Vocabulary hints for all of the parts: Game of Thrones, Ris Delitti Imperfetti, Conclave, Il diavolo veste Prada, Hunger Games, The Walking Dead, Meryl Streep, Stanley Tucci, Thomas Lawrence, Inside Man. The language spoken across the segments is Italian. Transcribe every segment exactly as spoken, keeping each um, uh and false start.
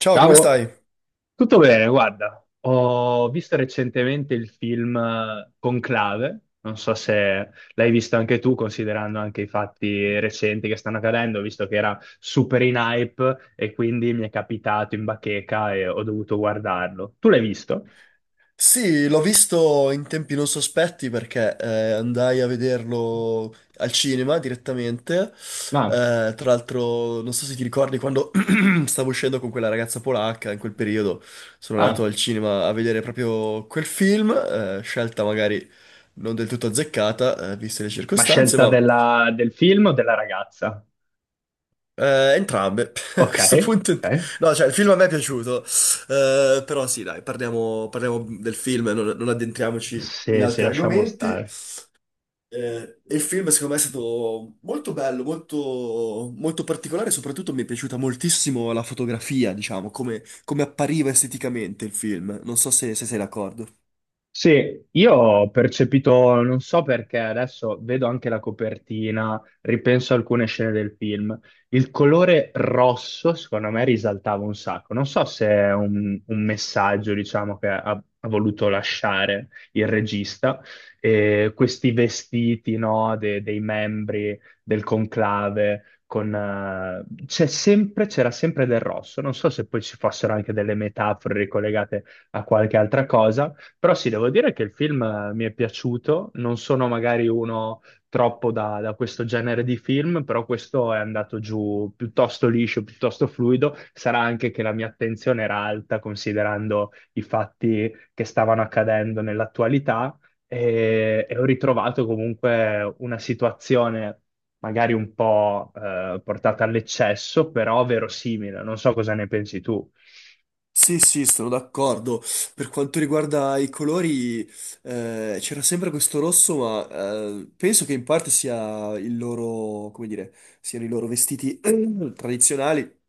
Ciao, come Ciao, stai? tutto bene, guarda, ho visto recentemente il film eh, Conclave, non so se l'hai visto anche tu, considerando anche i fatti recenti che stanno accadendo, visto che era super in hype e quindi mi è capitato in bacheca e ho dovuto guardarlo. Tu l'hai visto? Sì, l'ho visto in tempi non sospetti perché eh, andai a vederlo al cinema direttamente. No. Eh, tra l'altro, non so se ti ricordi quando stavo uscendo con quella ragazza polacca, in quel periodo sono Ah, andato al cinema a vedere proprio quel film, eh, scelta magari non del tutto azzeccata, eh, viste le ma circostanze, scelta ma della- del film o della ragazza? Eh, entrambe. A Ok, questo punto, ok, ent- no, cioè, il film a me è piaciuto. Eh, però sì, dai, parliamo, parliamo del film, non, non addentriamoci in se se altri lasciamo argomenti. stare. Eh, il film, secondo me, è stato molto bello, molto, molto particolare. Soprattutto mi è piaciuta moltissimo la fotografia, diciamo, come, come appariva esteticamente il film. Non so se, se sei d'accordo. Sì, io ho percepito, non so perché, adesso vedo anche la copertina, ripenso a alcune scene del film. Il colore rosso, secondo me, risaltava un sacco. Non so se è un, un messaggio, diciamo, che ha, ha voluto lasciare il regista. E questi vestiti, no, de- dei membri del conclave, con, eh, c'è sempre, c'era sempre del rosso. Non so se poi ci fossero anche delle metafore ricollegate a qualche altra cosa. Però sì, devo dire che il film eh, mi è piaciuto, non sono magari uno troppo da, da questo genere di film, però questo è andato giù piuttosto liscio, piuttosto fluido. Sarà anche che la mia attenzione era alta considerando i fatti che stavano accadendo nell'attualità e, e ho ritrovato comunque una situazione magari un po' eh, portata all'eccesso, però verosimile. Non so cosa ne pensi tu. Sì, sì, sono d'accordo. Per quanto riguarda i colori, eh, c'era sempre questo rosso, ma eh, penso che in parte sia il loro, come dire, siano i loro vestiti tradizionali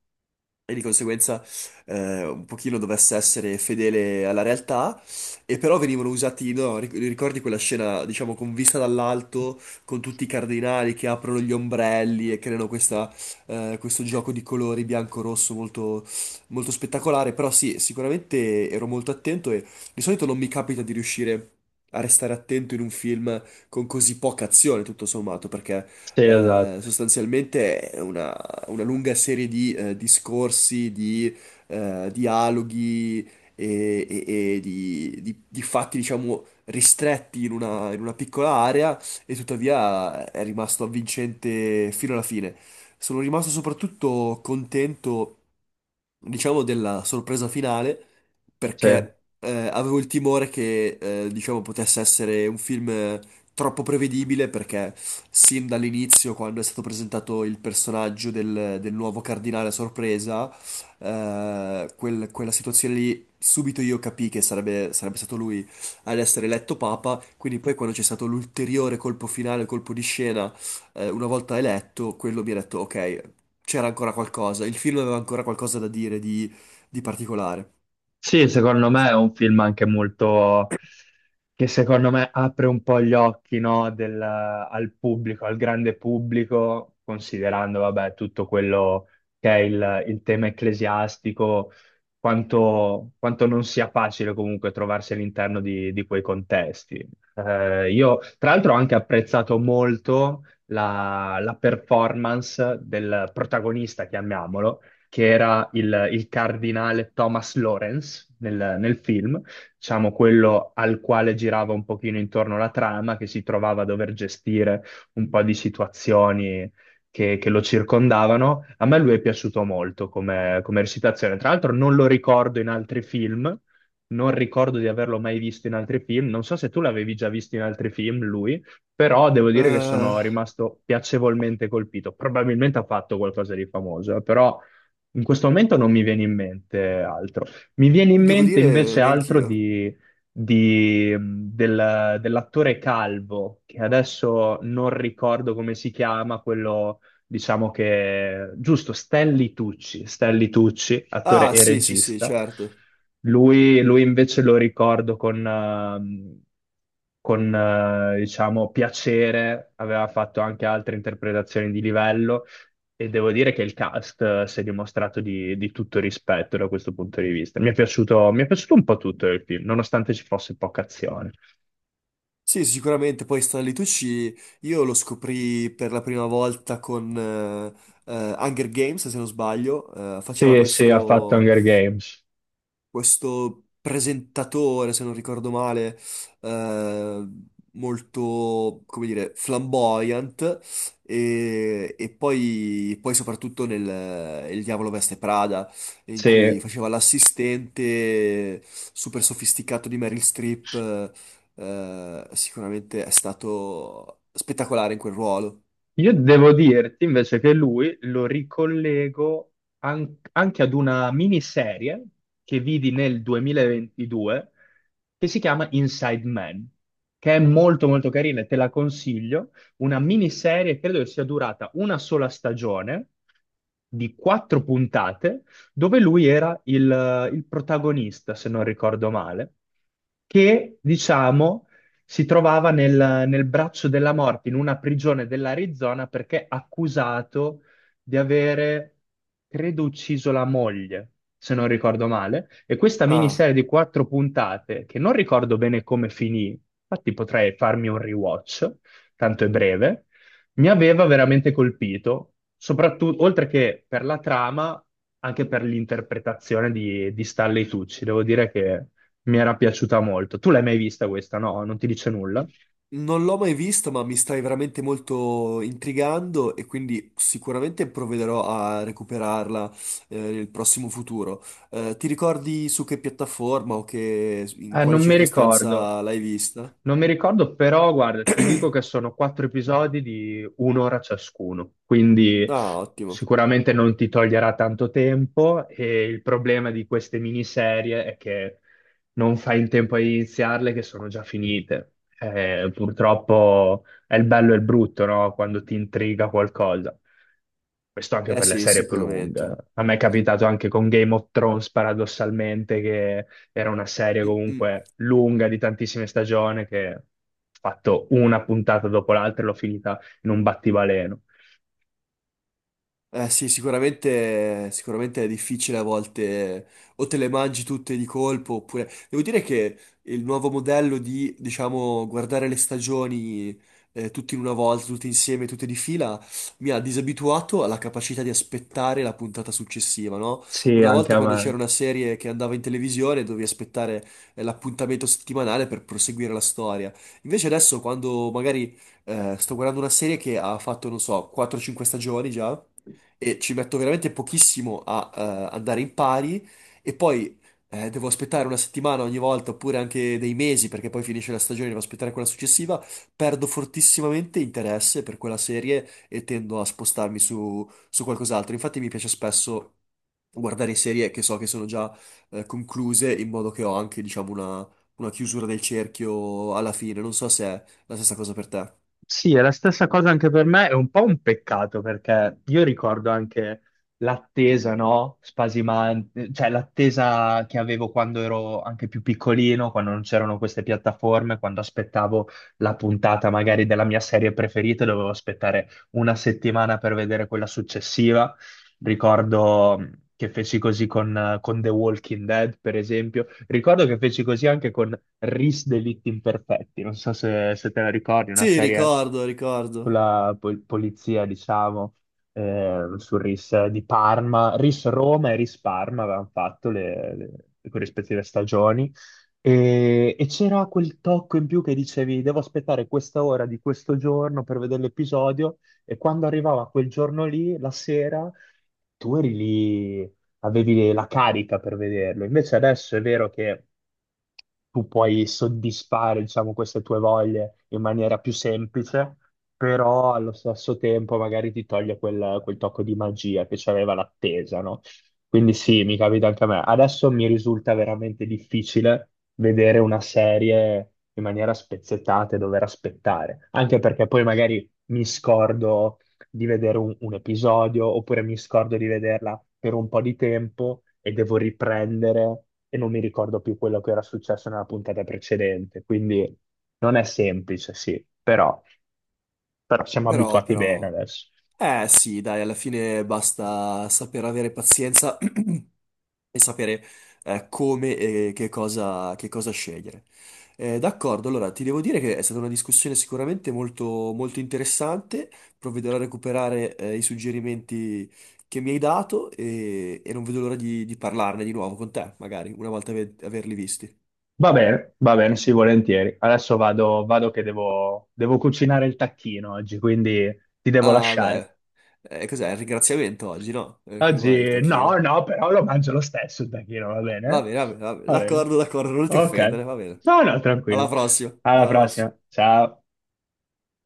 e di conseguenza eh, un pochino dovesse essere fedele alla realtà, e però venivano usati, no, ric- ricordi quella scena, diciamo, con vista dall'alto, con tutti i cardinali che aprono gli ombrelli e creano questa, eh, questo gioco di colori bianco-rosso molto, molto spettacolare. Però sì, sicuramente ero molto attento e di solito non mi capita di riuscire a restare attento in un film con così poca azione, tutto sommato, perché Sì, eh, esatto. sostanzialmente è una, una lunga serie di eh, discorsi, di eh, dialoghi e, e- e di, di- di fatti, diciamo, ristretti in una, in una piccola area, e tuttavia è rimasto avvincente fino alla fine. Sono rimasto soprattutto contento, diciamo, della sorpresa finale, Sì. perché eh, avevo il timore che, eh, diciamo, potesse essere un film eh, troppo prevedibile, perché sin dall'inizio, quando è stato presentato il personaggio del, del nuovo cardinale a sorpresa, eh, quel- quella situazione lì, subito io capii che sarebbe, sarebbe stato lui ad essere eletto papa. Quindi poi quando c'è stato l'ulteriore colpo finale, colpo di scena, eh, una volta eletto, quello mi ha detto, ok, c'era ancora qualcosa, il film aveva ancora qualcosa da dire di, di particolare. Sì, secondo me è un film anche molto che secondo me apre un po' gli occhi, no, del- al pubblico, al grande pubblico, considerando, vabbè, tutto quello che è il, il tema ecclesiastico, quanto, quanto non sia facile comunque trovarsi all'interno di, di quei contesti. Eh, io, tra l'altro, ho anche apprezzato molto la la performance del protagonista, chiamiamolo che era il, il cardinale Thomas Lawrence nel, nel film, diciamo quello al quale girava un pochino intorno la trama, che si trovava a dover gestire un po' di situazioni che, che lo circondavano. A me lui è piaciuto molto come, come recitazione. Tra l'altro non lo ricordo in altri film, non ricordo di averlo mai visto in altri film. Non so se tu l'avevi già visto in altri film, lui, però devo dire che Eh, sono rimasto piacevolmente colpito. Probabilmente ha fatto qualcosa di famoso, eh, però in questo momento non mi viene in mente altro. Mi viene in devo mente dire, invece altro neanch'io. di, di- del- dell'attore Calvo, che adesso non ricordo come si chiama, quello diciamo che... Giusto, Stanley Tucci, Stanley Tucci, attore Ah, e sì, sì, sì, regista. certo. Lui, lui invece lo ricordo con, ehm, con eh, diciamo, piacere, aveva fatto anche altre interpretazioni di livello e devo dire che il cast eh, si è dimostrato di, di tutto rispetto da questo punto di vista. Mi è piaciuto, mi è piaciuto un po' tutto il film, nonostante ci fosse poca azione. Sì, sicuramente. Poi Stanley Tucci io lo scoprì per la prima volta con eh, eh, Hunger Games, se non sbaglio. Eh, faceva Sì, sì, ha fatto questo, Hunger Games. questo presentatore, se non ricordo male, eh, molto, come dire, flamboyant, e, e poi, poi soprattutto nel Il diavolo veste Prada, in Sì, cui faceva l'assistente super sofisticato di Meryl Streep. Eh, sicuramente è stato spettacolare in quel ruolo. io devo dirti invece che lui lo ricollego an- anche ad una miniserie che vidi nel duemilaventidue, che si chiama Inside Man, che è molto molto carina e te la consiglio. Una miniserie, credo che sia durata una sola stagione di quattro puntate, dove lui era il, il protagonista, se non ricordo male, che diciamo si trovava nel, nel braccio della morte, in una prigione dell'Arizona, perché accusato di avere, credo, ucciso la moglie, se non ricordo male. E questa Ah. miniserie di quattro puntate, che non ricordo bene come finì, infatti potrei farmi un rewatch, tanto è breve, mi aveva veramente colpito, soprattutto, oltre che per la trama, anche per l'interpretazione di, di Stanley Tucci. Devo dire che mi era piaciuta molto. Tu l'hai mai vista questa? No, non ti dice nulla? Non l'ho mai visto, ma mi stai veramente molto intrigando e quindi sicuramente provvederò a recuperarla eh, nel prossimo futuro. Eh, ti ricordi su che piattaforma o che, in Eh, quale Non mi ricordo. circostanza l'hai vista? Non mi ricordo, però guarda, ti dico che sono quattro episodi di un'ora ciascuno, quindi Ah, ottimo. sicuramente non ti toglierà tanto tempo e il problema di queste miniserie è che non fai in tempo a iniziarle, che sono già finite. Eh, purtroppo è il bello e il brutto, no? Quando ti intriga qualcosa. Questo anche Eh per le sì, serie più lunghe. sicuramente. A me è capitato anche con Game of Thrones, paradossalmente, che era una serie Mm, mm. comunque lunga di tantissime stagioni che ho fatto una puntata dopo l'altra e l'ho finita in un battibaleno. Eh sì, sicuramente, sicuramente è difficile a volte, o te le mangi tutte di colpo, oppure... Devo dire che il nuovo modello di, diciamo, guardare le stagioni eh, tutte in una volta, tutte insieme, tutte di fila, mi ha disabituato alla capacità di aspettare la puntata successiva, no? Sì, Una anche volta a quando c'era me. una serie che andava in televisione, dovevi aspettare eh, l'appuntamento settimanale per proseguire la storia. Invece adesso, quando magari eh, sto guardando una serie che ha fatto, non so, quattro cinque stagioni già, e ci metto veramente pochissimo a eh, andare in pari, e poi eh, devo aspettare una settimana ogni volta, oppure anche dei mesi, perché poi finisce la stagione e devo aspettare quella successiva, perdo fortissimamente interesse per quella serie e tendo a spostarmi su, su qualcos'altro. Infatti mi piace spesso guardare serie che so che sono già eh, concluse, in modo che ho anche, diciamo, una, una chiusura del cerchio alla fine. Non so se è la stessa cosa per te. Sì, è la stessa cosa anche per me, è un po' un peccato perché io ricordo anche l'attesa, no? Spasimante, cioè l'attesa che avevo quando ero anche più piccolino, quando non c'erano queste piattaforme, quando aspettavo la puntata magari della mia serie preferita, dovevo aspettare una settimana per vedere quella successiva. Ricordo che feci così con, eh, con The Walking Dead, per esempio. Ricordo che feci così anche con Ris Delitti Imperfetti. Non so se, se te la ricordi, una Sì, serie ricordo, ricordo. sulla pol- polizia, diciamo, eh, su Ris di Parma. Ris Roma e Ris Parma avevano fatto le, le- le corrispettive stagioni. E, e c'era quel tocco in più che dicevi, devo aspettare questa ora di questo giorno per vedere l'episodio, e quando arrivava quel giorno lì, la sera, tu eri lì, avevi la carica per vederlo. Invece adesso è vero che tu puoi soddisfare, diciamo, queste tue voglie in maniera più semplice, però allo stesso tempo magari ti toglie quel, quel tocco di magia che c'aveva l'attesa, no? Quindi sì, mi capita anche a me. Adesso mi risulta veramente difficile vedere una serie in maniera spezzettata e dover aspettare, anche perché poi magari mi scordo di vedere un, un episodio, oppure mi scordo di vederla per un po' di tempo e devo riprendere e non mi ricordo più quello che era successo nella puntata precedente. Quindi non è semplice, sì, però, però siamo Però, abituati bene però... adesso. Eh sì, dai, alla fine basta saper avere pazienza e sapere eh, come e che cosa, che cosa scegliere. Eh, d'accordo, allora ti devo dire che è stata una discussione sicuramente molto, molto interessante. Provvederò a recuperare eh, i suggerimenti che mi hai dato, e, e non vedo l'ora di, di parlarne di nuovo con te, magari, una volta ave- averli visti. Va bene, va bene, sì, volentieri. Adesso vado, vado che devo, devo cucinare il tacchino oggi, quindi ti devo Ah, lasciare. beh, eh, cos'è? Il ringraziamento oggi, no? Eh, come mai il Oggi no, tacchino? no, però lo mangio lo stesso il tacchino, va Va bene? bene, va bene, va bene. Va bene. D'accordo, d'accordo, non ti Ok. offendere, va bene. No, no, Alla tranquillo. prossima. Alla Alla prossima. prossima. Ciao.